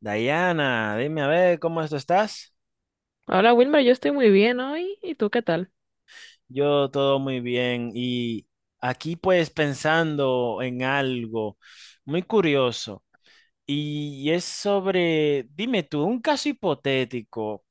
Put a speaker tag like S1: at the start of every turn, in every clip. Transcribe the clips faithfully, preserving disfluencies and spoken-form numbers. S1: Diana, dime a ver cómo esto estás.
S2: Hola Wilmer, yo estoy muy bien hoy. ¿Y tú qué tal?
S1: Yo todo muy bien y aquí pues pensando en algo muy curioso y es sobre, dime tú, un caso hipotético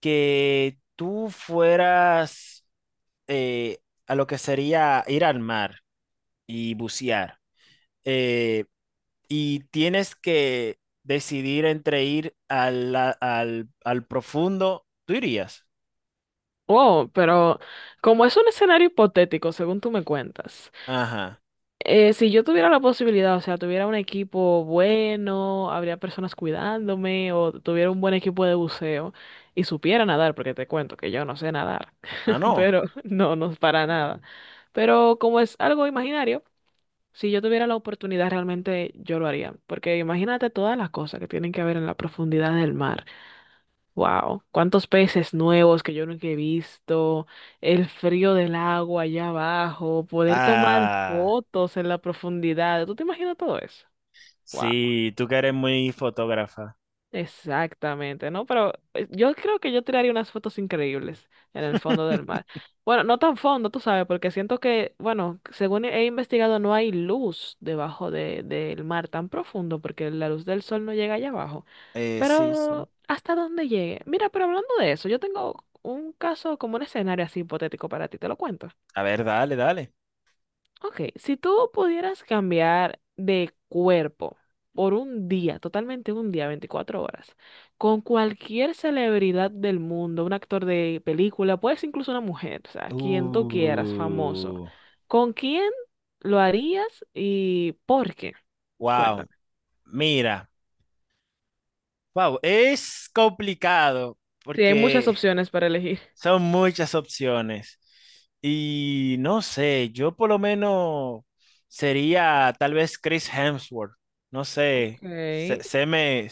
S1: que tú fueras eh, a lo que sería ir al mar y bucear eh, y tienes que decidir entre ir al, al, al profundo, ¿tú irías?
S2: Wow, pero como es un escenario hipotético, según tú me cuentas,
S1: Ajá.
S2: eh, si yo tuviera la posibilidad, o sea, tuviera un equipo bueno, habría personas cuidándome, o tuviera un buen equipo de buceo y supiera nadar, porque te cuento que yo no sé nadar,
S1: Ah, no.
S2: pero no, no es para nada. Pero como es algo imaginario, si yo tuviera la oportunidad, realmente yo lo haría, porque imagínate todas las cosas que tienen que ver en la profundidad del mar. Wow, cuántos peces nuevos que yo nunca he visto, el frío del agua allá abajo, poder tomar
S1: Ah,
S2: fotos en la profundidad. ¿Tú te imaginas todo eso? Wow,
S1: sí, tú que eres muy fotógrafa.
S2: exactamente, ¿no? Pero eh, yo creo que yo tiraría unas fotos increíbles en el fondo del mar. Bueno, no tan fondo, tú sabes, porque siento que, bueno, según he investigado, no hay luz debajo de, del mar tan profundo, porque la luz del sol no llega allá abajo.
S1: Eh, sí, sí.
S2: Pero hasta dónde llegue. Mira, pero hablando de eso, yo tengo un caso como un escenario así hipotético para ti, te lo cuento.
S1: A ver, dale, dale.
S2: Ok, si tú pudieras cambiar de cuerpo por un día, totalmente un día, veinticuatro horas, con cualquier celebridad del mundo, un actor de película, puedes incluso una mujer, o sea, quien tú quieras, famoso,
S1: Uh,
S2: ¿con quién lo harías y por qué?
S1: wow,
S2: Cuéntame.
S1: mira, wow, es complicado
S2: Sí, hay muchas
S1: porque
S2: opciones para elegir.
S1: son muchas opciones y no sé, yo por lo menos sería tal vez Chris Hemsworth, no
S2: Ok.
S1: sé, se, se me,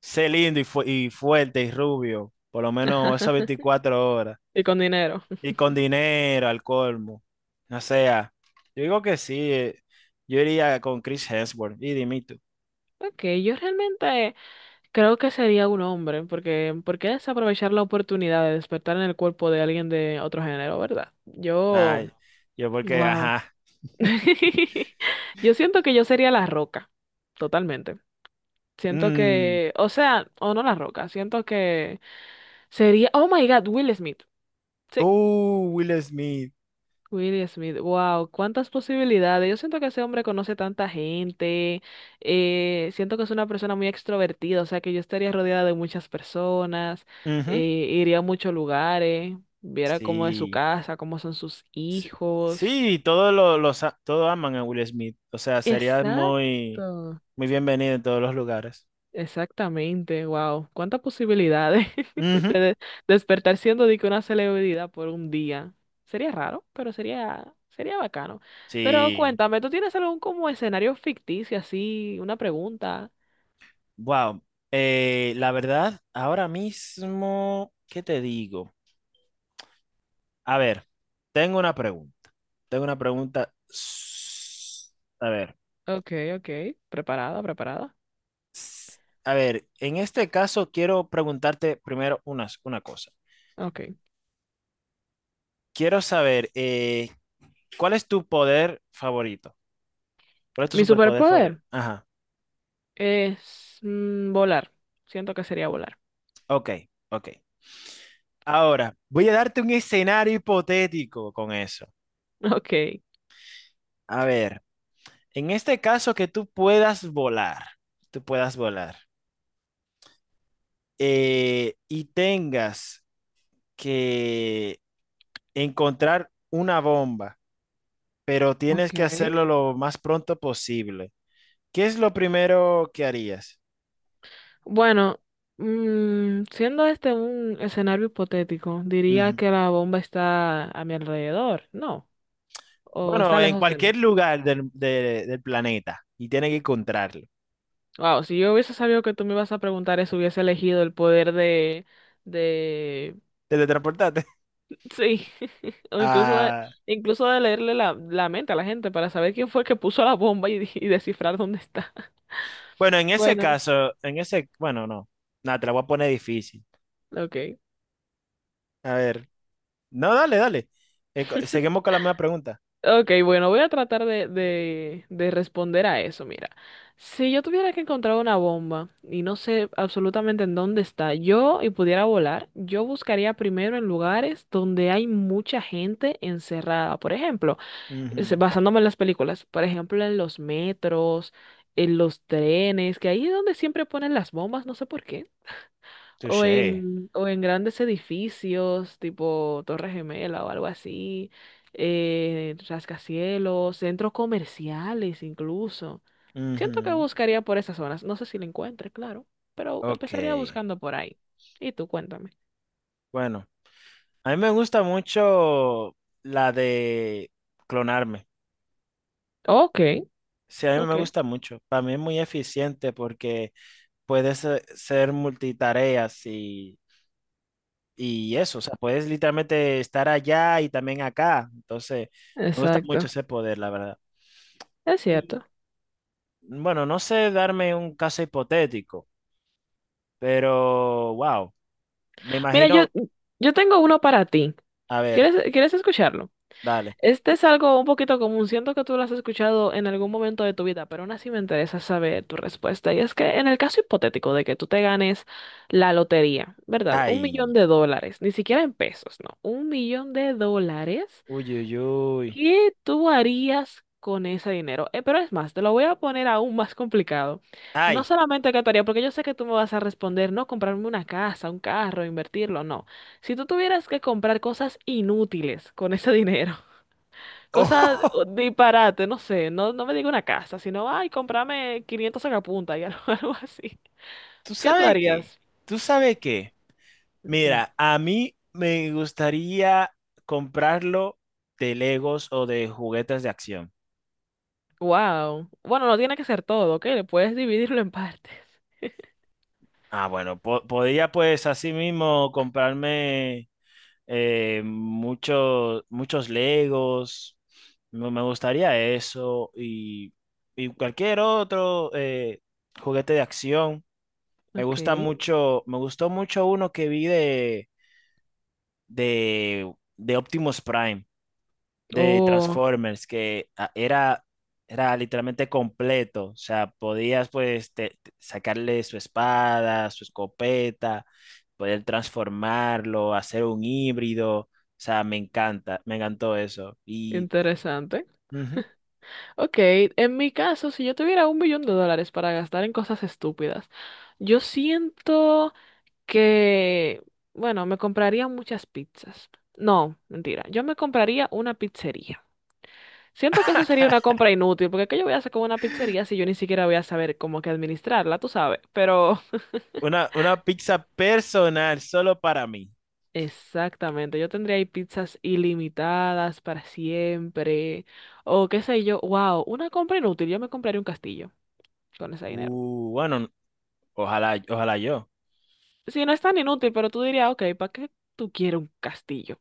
S1: sé lindo y, fu- y fuerte y rubio, por lo menos esas veinticuatro horas.
S2: Y con dinero.
S1: Y con dinero, al colmo. O sea, yo digo que sí. eh, Yo iría con Chris Hemsworth. Y dime tú.
S2: Ok, yo realmente creo que sería un hombre, porque ¿por qué desaprovechar la oportunidad de despertar en el cuerpo de alguien de otro género, verdad? Yo,
S1: Ay, yo porque,
S2: wow.
S1: ajá.
S2: Yo siento que yo sería la roca, totalmente. Siento
S1: Mm,
S2: que, o sea, o no la roca, siento que sería, oh my God, Will Smith.
S1: tú,
S2: sí.
S1: Will Smith.
S2: Will Smith, wow, cuántas posibilidades. Yo siento que ese hombre conoce tanta gente, eh, siento que es una persona muy extrovertida, o sea que yo estaría rodeada de muchas personas, eh,
S1: Ujú.
S2: iría a muchos lugares, viera cómo es su
S1: Sí.
S2: casa, cómo son sus
S1: Sí,
S2: hijos.
S1: sí, todos lo- los, a- todos aman a Will Smith. O sea, sería muy,
S2: Exacto.
S1: muy bienvenido en todos los lugares.
S2: Exactamente, wow. ¿Cuántas posibilidades
S1: Ujú.
S2: de de- despertar siendo de que una celebridad por un día? Sería raro, pero sería, sería bacano. Pero
S1: Sí.
S2: cuéntame, ¿tú tienes algún como escenario ficticio así, una pregunta?
S1: Wow. Eh, la verdad, ahora mismo, ¿qué te digo? A ver, tengo una pregunta. Tengo una pregunta. s- A ver,
S2: Ok, ok. Preparada, preparada.
S1: s- a ver, en este caso quiero preguntarte primero unas una cosa.
S2: Ok.
S1: Quiero saber, eh, ¿cuál es tu poder favorito? ¿Cuál es tu
S2: Mi
S1: superpoder favorito?
S2: superpoder
S1: Ajá,
S2: es mm, volar. Siento que sería volar.
S1: ok, ok. Ahora, voy a darte un escenario hipotético con eso.
S2: Ok.
S1: A ver, en este caso que tú puedas volar, tú puedas volar eh, y tengas que encontrar una bomba, pero tienes
S2: Ok.
S1: que hacerlo lo más pronto posible. ¿Qué es lo primero que harías?
S2: Bueno, mm, siendo este un escenario hipotético, diría
S1: Ujú.
S2: que la bomba está a mi alrededor, ¿no? O
S1: Bueno,
S2: está
S1: en
S2: lejos de mí.
S1: cualquier lugar del, de- del planeta y tienes que encontrarlo.
S2: Wow, si yo hubiese sabido que tú me ibas a preguntar eso, hubiese elegido el poder de, de,
S1: Teletransportarte.
S2: sí, o incluso de,
S1: Ah,
S2: incluso de leerle la, la mente a la gente para saber quién fue que puso la bomba y, y descifrar dónde está.
S1: bueno, en ese
S2: Bueno,
S1: caso, en ese, bueno, no. Nada, te la voy a poner difícil.
S2: ok.
S1: A ver. No, dale, dale. Eh, co- seguimos con la misma pregunta.
S2: Ok, bueno, voy a tratar de, de, de responder a eso. Mira, si yo tuviera que encontrar una bomba y no sé absolutamente en dónde está, yo y pudiera volar, yo buscaría primero en lugares donde hay mucha gente encerrada. Por ejemplo, es-
S1: Ujú.
S2: basándome en las películas, por ejemplo, en los metros, en los trenes, que ahí es donde siempre ponen las bombas, no sé por qué. O
S1: Touché.
S2: en, o en grandes edificios, tipo Torre Gemela o algo así, eh, rascacielos, centros comerciales incluso. Siento que
S1: Ujú.
S2: buscaría por esas zonas. No sé si lo encuentre, claro, pero
S1: Ok.
S2: empezaría buscando por ahí. Y tú cuéntame.
S1: Bueno. A mí me gusta mucho la de clonarme.
S2: Ok,
S1: Sí, a mí me
S2: ok.
S1: gusta mucho. Para mí es muy eficiente porque puedes eh, ser multitareas y, y eso. O sea, puedes literalmente estar allá y también acá. Entonces, me gusta mucho
S2: Exacto.
S1: ese poder, la verdad.
S2: Es
S1: Y,
S2: cierto.
S1: bueno, no sé darme un caso hipotético, pero wow. Me
S2: Mira, yo,
S1: imagino.
S2: yo tengo uno para ti.
S1: A ver,
S2: ¿Quieres, quieres escucharlo?
S1: dale.
S2: Este es algo un poquito común, siento que tú lo has escuchado en algún momento de tu vida, pero aún así me interesa saber tu respuesta. Y es que en el caso hipotético de que tú te ganes la lotería, ¿verdad? Un millón
S1: Ay.
S2: de dólares, ni siquiera en pesos, no, un millón de dólares,
S1: Uy, uy, uy.
S2: ¿qué tú harías con ese dinero? Eh, pero es más, te lo voy a poner aún más complicado. No
S1: Ay.
S2: solamente qué tú harías, porque yo sé que tú me vas a responder, no comprarme una casa, un carro, invertirlo, no. Si tú tuvieras que comprar cosas inútiles con ese dinero. Cosas disparate, no sé, no, no me diga una casa, sino, ay, cómprame quinientos sacapuntas y algo, algo así.
S1: ¿Tú
S2: ¿Qué tú
S1: sabes qué?
S2: harías?
S1: ¿Tú sabes qué? Mira, a mí me gustaría comprarlo de Legos o de juguetes de acción.
S2: Wow. Bueno, no tiene que ser todo, ¿ok? Le puedes dividirlo en partes.
S1: Ah, bueno, po- podría pues así mismo comprarme eh, muchos, muchos Legos. Me me gustaría eso y, y cualquier otro eh, juguete de acción. Me
S2: Ok.
S1: gusta mucho, me gustó mucho uno que vi de, de, de Optimus Prime. De
S2: Oh,
S1: Transformers que ah, era, era literalmente completo. O sea, podías pues te- te- sacarle su espada, su escopeta, poder transformarlo, hacer un híbrido. O sea, me encanta, me encantó eso. Y
S2: interesante.
S1: ujú,
S2: Ok, en mi caso, si yo tuviera un billón de dólares para gastar en cosas estúpidas, yo siento que, bueno, me compraría muchas pizzas. No, mentira, yo me compraría una pizzería. Siento que eso sería una compra inútil, porque ¿qué yo voy a hacer con una pizzería si yo ni siquiera voy a saber cómo que administrarla, tú sabes? Pero
S1: una, una pizza personal solo para mí.
S2: exactamente, yo tendría ahí pizzas ilimitadas para siempre, o qué sé yo, wow, una compra inútil, yo me compraría un castillo con ese dinero.
S1: Uh, bueno, ojalá, ojalá yo.
S2: Si no es tan inútil, pero tú dirías, ok, ¿para qué tú quieres un castillo?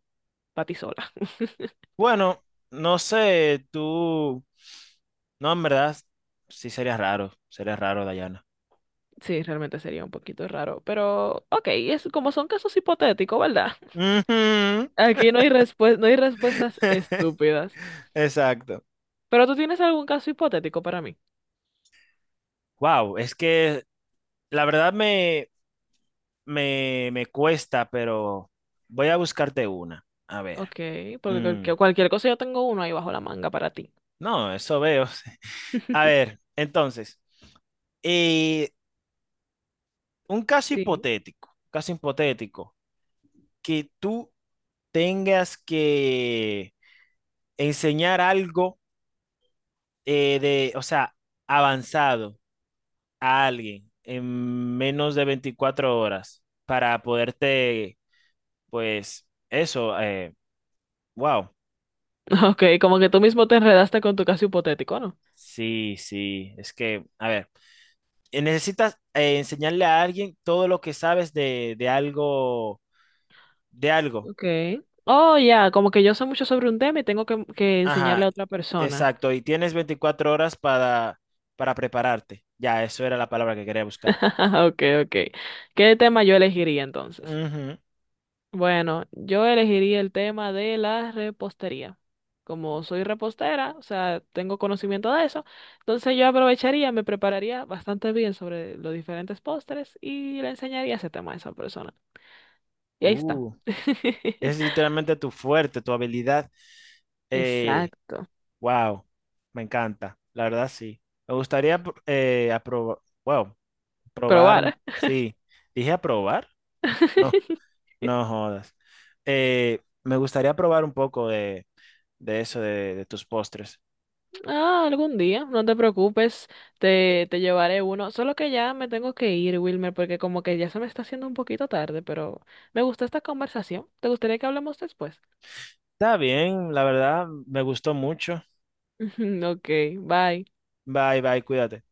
S2: Para ti sola.
S1: Bueno, no sé, tú, no, en verdad, sí sería raro, sería raro, Dayana.
S2: Sí, realmente sería un poquito raro, pero ok, es como son casos hipotéticos, ¿verdad?
S1: Ujú.
S2: Aquí no hay respues- no hay respuestas estúpidas.
S1: Exacto.
S2: Pero tú tienes algún caso hipotético para mí.
S1: Wow, es que la verdad me, me, me cuesta, pero voy a buscarte una. A
S2: Ok,
S1: ver.
S2: porque
S1: Mm,
S2: cualquier, cualquier cosa yo tengo uno ahí bajo la manga para ti.
S1: no, eso veo. A ver, entonces, eh, un caso
S2: Sí.
S1: hipotético, caso hipotético, que tú tengas que enseñar algo eh, de, o sea, avanzado a alguien en menos de veinticuatro horas para poderte. Pues eso, eh, wow.
S2: Ok, como que tú mismo te enredaste con tu caso hipotético, ¿no?
S1: Sí, sí, es que, a ver, eh, necesitas eh, enseñarle a alguien todo lo que sabes de, de algo, de algo.
S2: Ok. Oh, ya, como que yo sé mucho sobre un tema y tengo que, que enseñarle
S1: Ajá,
S2: a otra persona.
S1: exacto. Y tienes veinticuatro horas para, para prepararte. Ya, eso era la palabra que quería buscar.
S2: Ok, ok. ¿Qué tema yo elegiría entonces?
S1: Ujú.
S2: Bueno, yo elegiría el tema de la repostería. Como soy repostera, o sea, tengo conocimiento de eso, entonces yo aprovecharía, me prepararía bastante bien sobre los diferentes postres y le enseñaría ese tema a esa persona. Y ahí está.
S1: Uh, es literalmente tu fuerte, tu habilidad. Eh,
S2: Exacto.
S1: wow, me encanta, la verdad sí. Me gustaría apro- eh, aprobar. Probar,
S2: Probar.
S1: sí. Dije a probar. No, no jodas. Eh, me gustaría probar un poco de, de eso, de, de tus postres.
S2: Ah, algún día, no te preocupes, te, te llevaré uno. Solo que ya me tengo que ir, Wilmer, porque como que ya se me está haciendo un poquito tarde, pero me gustó esta conversación. ¿Te gustaría que hablemos después?
S1: Está bien, la verdad, me gustó mucho.
S2: Ok, bye.
S1: Bye, bye, cuídate.